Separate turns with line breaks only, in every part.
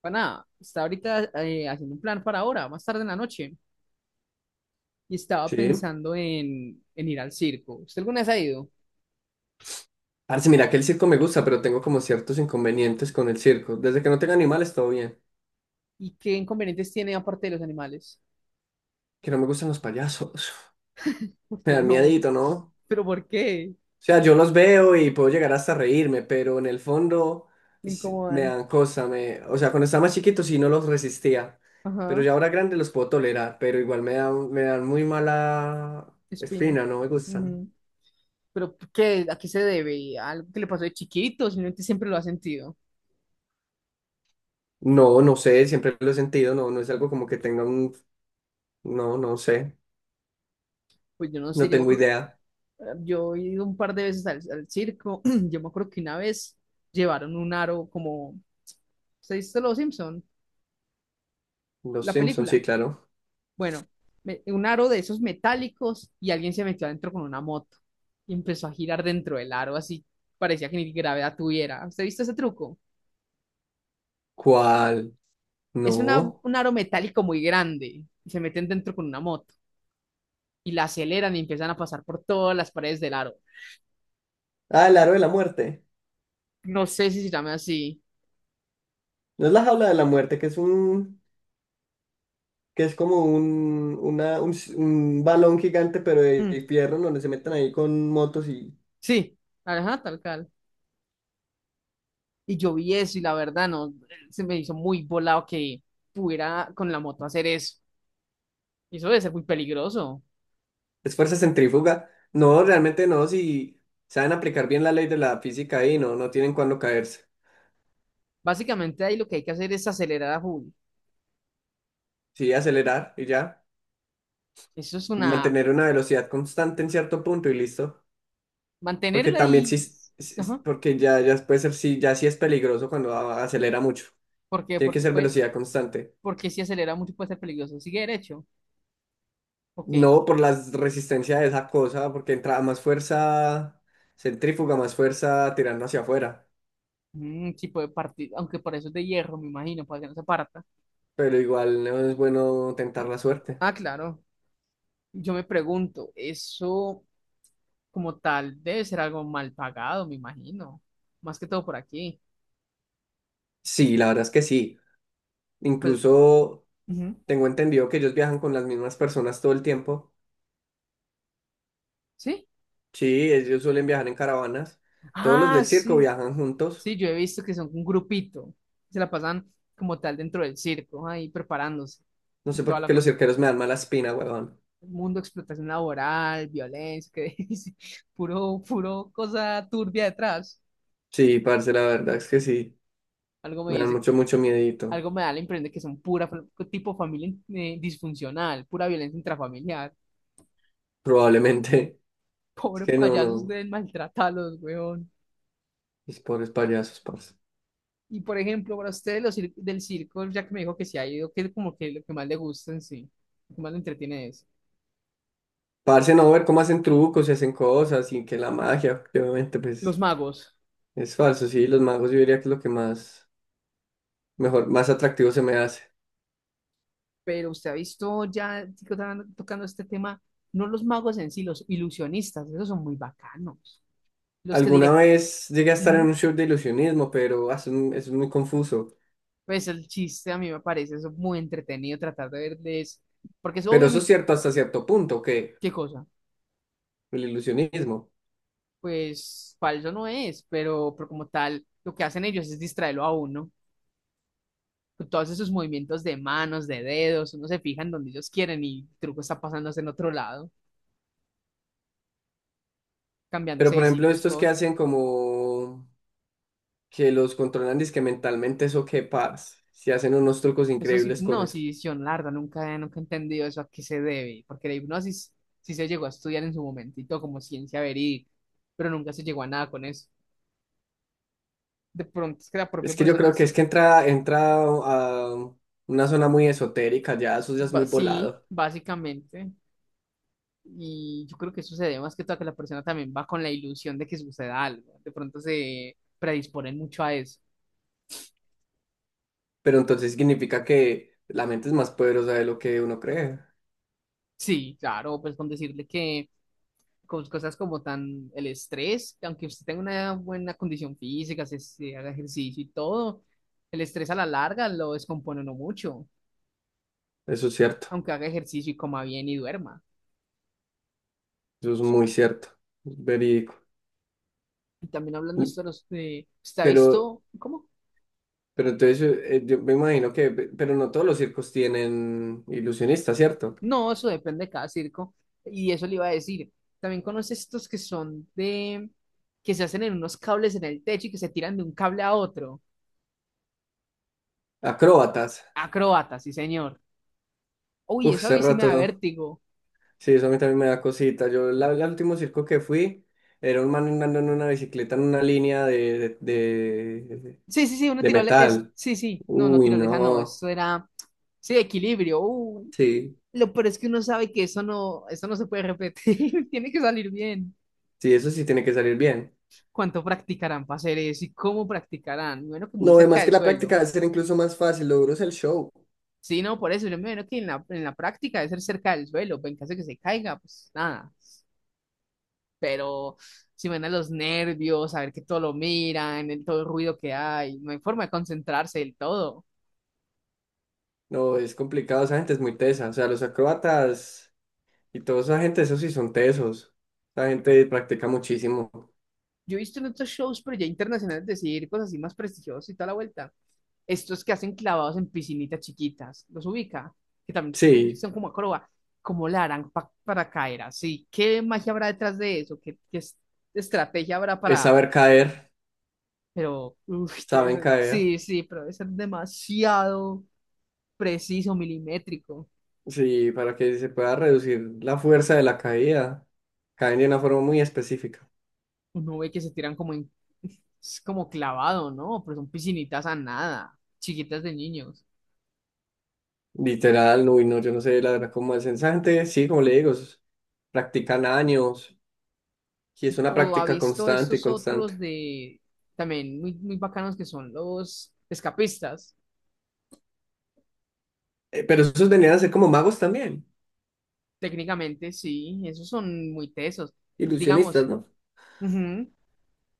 Para nada, está ahorita haciendo un plan para ahora, más tarde en la noche, y estaba
Sí.
pensando en ir al circo. ¿Usted alguna vez ha ido?
Parce, mira que el circo me gusta, pero tengo como ciertos inconvenientes con el circo. Desde que no tenga animales, todo bien.
¿Y qué inconvenientes tiene aparte de los animales?
Que no me gustan los payasos.
¿Por
Me
qué
dan
no?
miedito, ¿no? O
¿Pero por qué?
sea, yo los veo y puedo llegar hasta a reírme, pero en el fondo
Me
sí, me
incomodan.
dan cosa. Me... O sea, cuando estaba más chiquito sí no los resistía. Pero
Ajá,
ya ahora grande los puedo tolerar, pero igual me dan muy mala
espina.
espina, no me gustan.
Ujú. ¿Pero por qué? ¿A qué se debe? ¿A ¿Algo que le pasó de chiquito? Simplemente siempre lo ha sentido.
No, no sé, siempre lo he sentido, no, no es algo como que tenga un... No, no sé,
Pues yo no sé,
no
yo me
tengo
acuerdo,
idea.
yo he ido un par de veces al circo. Yo me acuerdo que una vez llevaron un aro como, ¿se dice Los Simpson?
Los
La
Simpsons, sí,
película.
claro.
Bueno, un aro de esos metálicos y alguien se metió adentro con una moto y empezó a girar dentro del aro, así parecía que ni gravedad tuviera. ¿Usted ha visto ese truco?
¿Cuál?
Es una,
No.
un aro metálico muy grande y se meten dentro con una moto y la aceleran y empiezan a pasar por todas las paredes del aro.
Ah, el aro de la muerte.
No sé si se llama así.
No es la jaula de la muerte, que es como un, una, un, s- un balón gigante, pero
Mm,
de fierro, donde se meten ahí con motos y
sí, ajá, tal cual. Y yo vi eso y la verdad no, se me hizo muy volado que pudiera con la moto hacer eso. Y eso debe ser muy peligroso.
es fuerza centrífuga. No, realmente no, si saben aplicar bien la ley de la física ahí, no, no tienen cuándo caerse.
Básicamente ahí lo que hay que hacer es acelerar a full.
Sí, acelerar y ya.
Eso es una...
Mantener una velocidad constante en cierto punto y listo. Porque
Mantenerla
también
y...
sí,
Ajá.
porque ya, ya puede ser, sí, ya sí es peligroso cuando acelera mucho.
¿Por qué?
Tiene que
Porque
ser
pues...
velocidad constante.
Porque si acelera mucho puede ser peligroso. Sigue derecho. Ok.
No, por la resistencia de esa cosa, porque entra más fuerza centrífuga, más fuerza tirando hacia afuera.
Mm, sí puede partir. Aunque por eso es de hierro, me imagino, para que no se parta.
Pero igual no es bueno
Ah,
tentar la suerte.
ah, claro. Yo me pregunto, eso como tal debe ser algo mal pagado, me imagino. Más que todo por aquí.
Sí, la verdad es que sí.
Pues...
Incluso
ujú.
tengo entendido que ellos viajan con las mismas personas todo el tiempo.
¿Sí?
Sí, ellos suelen viajar en caravanas. Todos los
Ah,
del circo
sí.
viajan juntos.
Sí, yo he visto que son un grupito. Se la pasan como tal dentro del circo, ahí preparándose
No
y
sé
toda
por
la
qué los
cosa.
cirqueros me dan mala espina, huevón.
El mundo, explotación laboral, violencia, que dice, puro, puro cosa turbia detrás.
Sí, parce, la verdad es que sí.
Algo me
Me dan
dice, que-
mucho, mucho miedito.
Algo me da la impresión de que son tipo familia disfuncional, pura violencia intrafamiliar.
Probablemente. Es
Pobre
que no,
payasos
no.
deben maltratarlos, weón.
Mis pobres payasos, parce.
Y por ejemplo, para ustedes los del circo, ya que me dijo que se ha ido, que es como que lo que más le gusta en sí, lo que más le entretiene es
Parce, no ver cómo hacen trucos y hacen cosas y que la magia, porque obviamente,
los
pues
magos.
es falso. Sí, los magos yo diría que es lo que más, mejor, más atractivo se me hace.
Pero usted ha visto ya tocando este tema, no los magos en sí, los ilusionistas, esos son muy bacanos. Los que
Alguna
directo.
vez llegué a estar en
Ujú.
un show de ilusionismo, pero ah, eso es muy confuso.
Pues el chiste a mí me parece eso muy entretenido tratar de verles, porque eso
Pero eso es
obviamente,
cierto hasta cierto punto, que
¿qué cosa?
el ilusionismo.
Pues falso no es, pero como tal, lo que hacen ellos es distraerlo a uno, con todos esos movimientos de manos, de dedos, uno se fija en donde ellos quieren y el truco está pasándose en otro lado,
Pero
cambiándose
por
de
ejemplo,
sitios,
estos que
cosas.
hacen como que los controlan dizque mentalmente, eso que parce, si hacen unos trucos
Eso sí,
increíbles con
no,
eso.
sí, yo nunca he entendido eso a qué se debe, porque la hipnosis sí se llegó a estudiar en su momentito como ciencia verídica, pero nunca se llegó a nada con eso. De pronto es que la
Es
propia
que yo
persona
creo que es
se,
que entra a una zona muy esotérica, ya eso ya es muy
sí,
volado.
básicamente, y yo creo que eso se debe más que todo a que la persona también va con la ilusión de que suceda algo, de pronto se predisponen mucho a eso.
Pero entonces significa que la mente es más poderosa de lo que uno cree.
Sí, claro, pues con decirle que con cosas como tan el estrés, que aunque usted tenga una buena condición física, se haga ejercicio y todo, el estrés a la larga lo descompone no mucho,
Eso es cierto,
aunque haga ejercicio y coma bien y duerma.
eso es muy cierto, es verídico.
Y también hablando de
Y-
esto, de los, ¿usted ha
Pero,
visto, cómo?
pero entonces yo me imagino que, pero no todos los circos tienen ilusionistas, ¿cierto?
No, eso depende de cada circo. Y eso le iba a decir. También conoces estos que son de, que se hacen en unos cables en el techo y que se tiran de un cable a otro.
Acróbatas.
Acrobatas, sí, señor. Uy,
Uf,
eso a
hace
mí sí me da
rato,
vértigo.
sí, eso a mí también me da cosita. El último circo que fui era un man andando en una bicicleta en una línea de
Sí, sí, sí, una
de metal.
sí, sí, no, no,
Uy,
tirolesa, no,
no.
eso era, sí, equilibrio.
Sí,
Lo peor es que uno sabe que eso no se puede repetir, tiene que salir bien.
sí, eso sí tiene que salir bien.
¿Cuánto practicarán para hacer eso y cómo practicarán? Bueno, que muy
No,
cerca
además que
del
la
suelo.
práctica debe ser incluso más fácil, lo duro es el show.
Sí, no, por eso yo me imagino que en la práctica debe ser cerca del suelo, pues en caso de que se caiga, pues nada. Pero si van a los nervios, a ver que todo lo miran, el, todo el ruido que hay, no hay forma de concentrarse del todo.
No, es complicado, esa gente es muy tesa. O sea, los acróbatas y toda esa gente, esos sí son tesos. La gente practica muchísimo.
Yo he visto en otros shows, pero ya internacionales, decir cosas así más prestigiosas y toda la vuelta. Estos que hacen clavados en piscinitas chiquitas, los ubica, que también
Sí,
son como como la harán para caer así. ¿Qué magia habrá detrás de eso? ¿Estrategia habrá?
es saber caer,
Pero, uff,
saben caer.
sí, sí, pero debe ser demasiado preciso, milimétrico.
Sí, para que se pueda reducir la fuerza de la caída. Caen de una forma muy específica.
Uno ve que se tiran como en, es como clavado, ¿no? Pero son piscinitas a nada, chiquitas de niños.
Literal, no, y no, yo no sé la verdad cómo es. Esa gente, sí, como le digo, es- practican años y es una
O ha
práctica
visto
constante y
estos
constante.
otros de, también muy, muy bacanos que son los escapistas.
Pero esos venían a ser como magos también.
Técnicamente, sí, esos son muy tesos. Digamos,
Ilusionistas, ¿no?
ujú,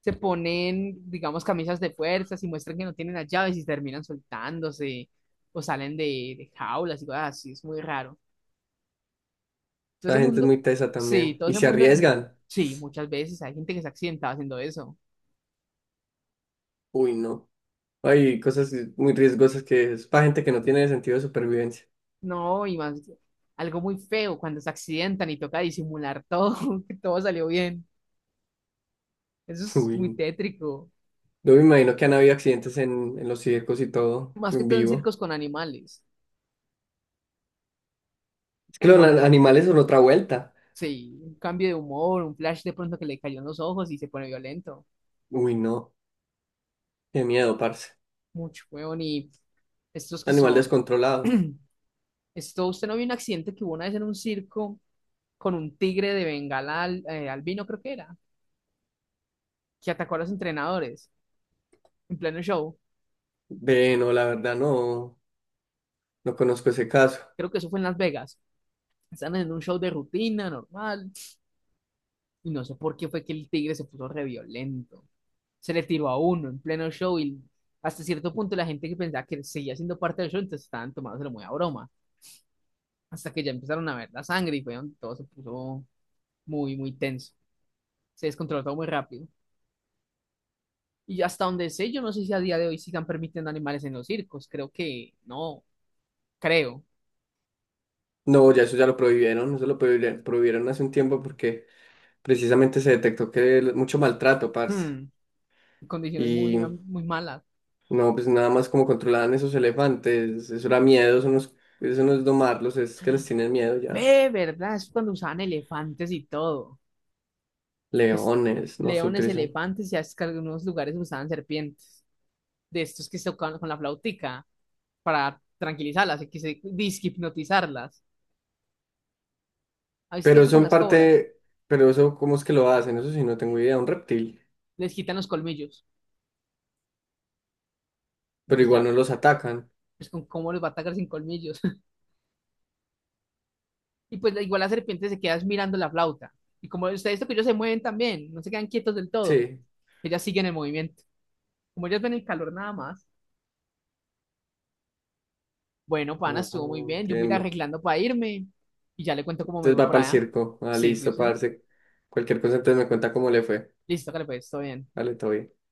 se ponen, digamos, camisas de fuerzas y muestran que no tienen las llaves y terminan soltándose o salen de jaulas y cosas así, es muy raro. Todo ese
La gente es
mundo,
muy tesa
sí,
también
todo
y
ese
se
mundo,
arriesgan.
sí, muchas veces hay gente que se accidenta haciendo eso.
Uy, no. Hay cosas muy riesgosas que es para gente que no tiene sentido de supervivencia.
No, y más, algo muy feo cuando se accidentan y toca disimular todo, que todo salió bien. Eso es
Uy,
muy
no.
tétrico.
Yo me imagino que han habido accidentes en los circos y todo,
Más que
en
todo en
vivo.
circos con animales,
Es que los
como ahora,
animales son otra vuelta.
sí, un cambio de humor, un flash de pronto que le cayó en los ojos y se pone violento.
Uy, no. Qué miedo, parce.
Mucho, weón, y Estos que
Animal
son,
descontrolado.
esto, usted no vio un accidente que hubo una vez en un circo con un tigre de Bengala albino, creo que era, que atacó a los entrenadores en pleno show.
Ve, no, la verdad no, no conozco ese caso.
Creo que eso fue en Las Vegas. Estaban en un show de rutina normal y no sé por qué fue que el tigre se puso re violento. Se le tiró a uno en pleno show y hasta cierto punto la gente que pensaba que seguía siendo parte del show, entonces estaban tomándoselo muy a broma. Hasta que ya empezaron a ver la sangre y fue donde todo se puso muy, muy tenso. Se descontroló todo muy rápido. Y hasta donde sé, yo no sé si a día de hoy sigan permitiendo animales en los circos. Creo que no, creo.
No, ya eso ya lo prohibieron, prohibieron hace un tiempo porque precisamente se detectó que mucho maltrato, parce.
Hmm, condiciones muy, muy malas.
No, pues nada más como controlaban esos elefantes, eso era miedo, eso no es domarlos, es que les tienen miedo ya.
Ve, ¿verdad? Es cuando usaban elefantes y todo. Es,
Leones, no se
leones,
utilizan.
elefantes, ya es que algunos lugares usaban serpientes. De estos que se tocaban con la flautica para tranquilizarlas y que se disque hipnotizarlas. ¿Has visto
Pero
eso
eso
con
en
las cobras?
parte, pero eso, ¿cómo es que lo hacen? Eso sí, no tengo idea, un reptil.
Les quitan los colmillos.
Pero
Pues
igual
ya,
no los atacan.
pues con cómo los va a atacar sin colmillos. Y pues igual la serpiente se queda mirando la flauta. Y como ustedes ellos se mueven también, no se quedan quietos del todo,
Sí,
ellas siguen el movimiento. Como ellas ven el calor nada más, bueno, pana,
ah,
estuvo muy bien, yo voy a ir
entiendo.
arreglando para irme y ya le cuento cómo me
Entonces
fue
va
por
para el
allá.
circo. Ah,
Sí, sí,
listo,
sí.
parce. Cualquier cosa entonces me cuenta cómo le fue.
Listo, que le pues, todo bien.
Dale, todo bien.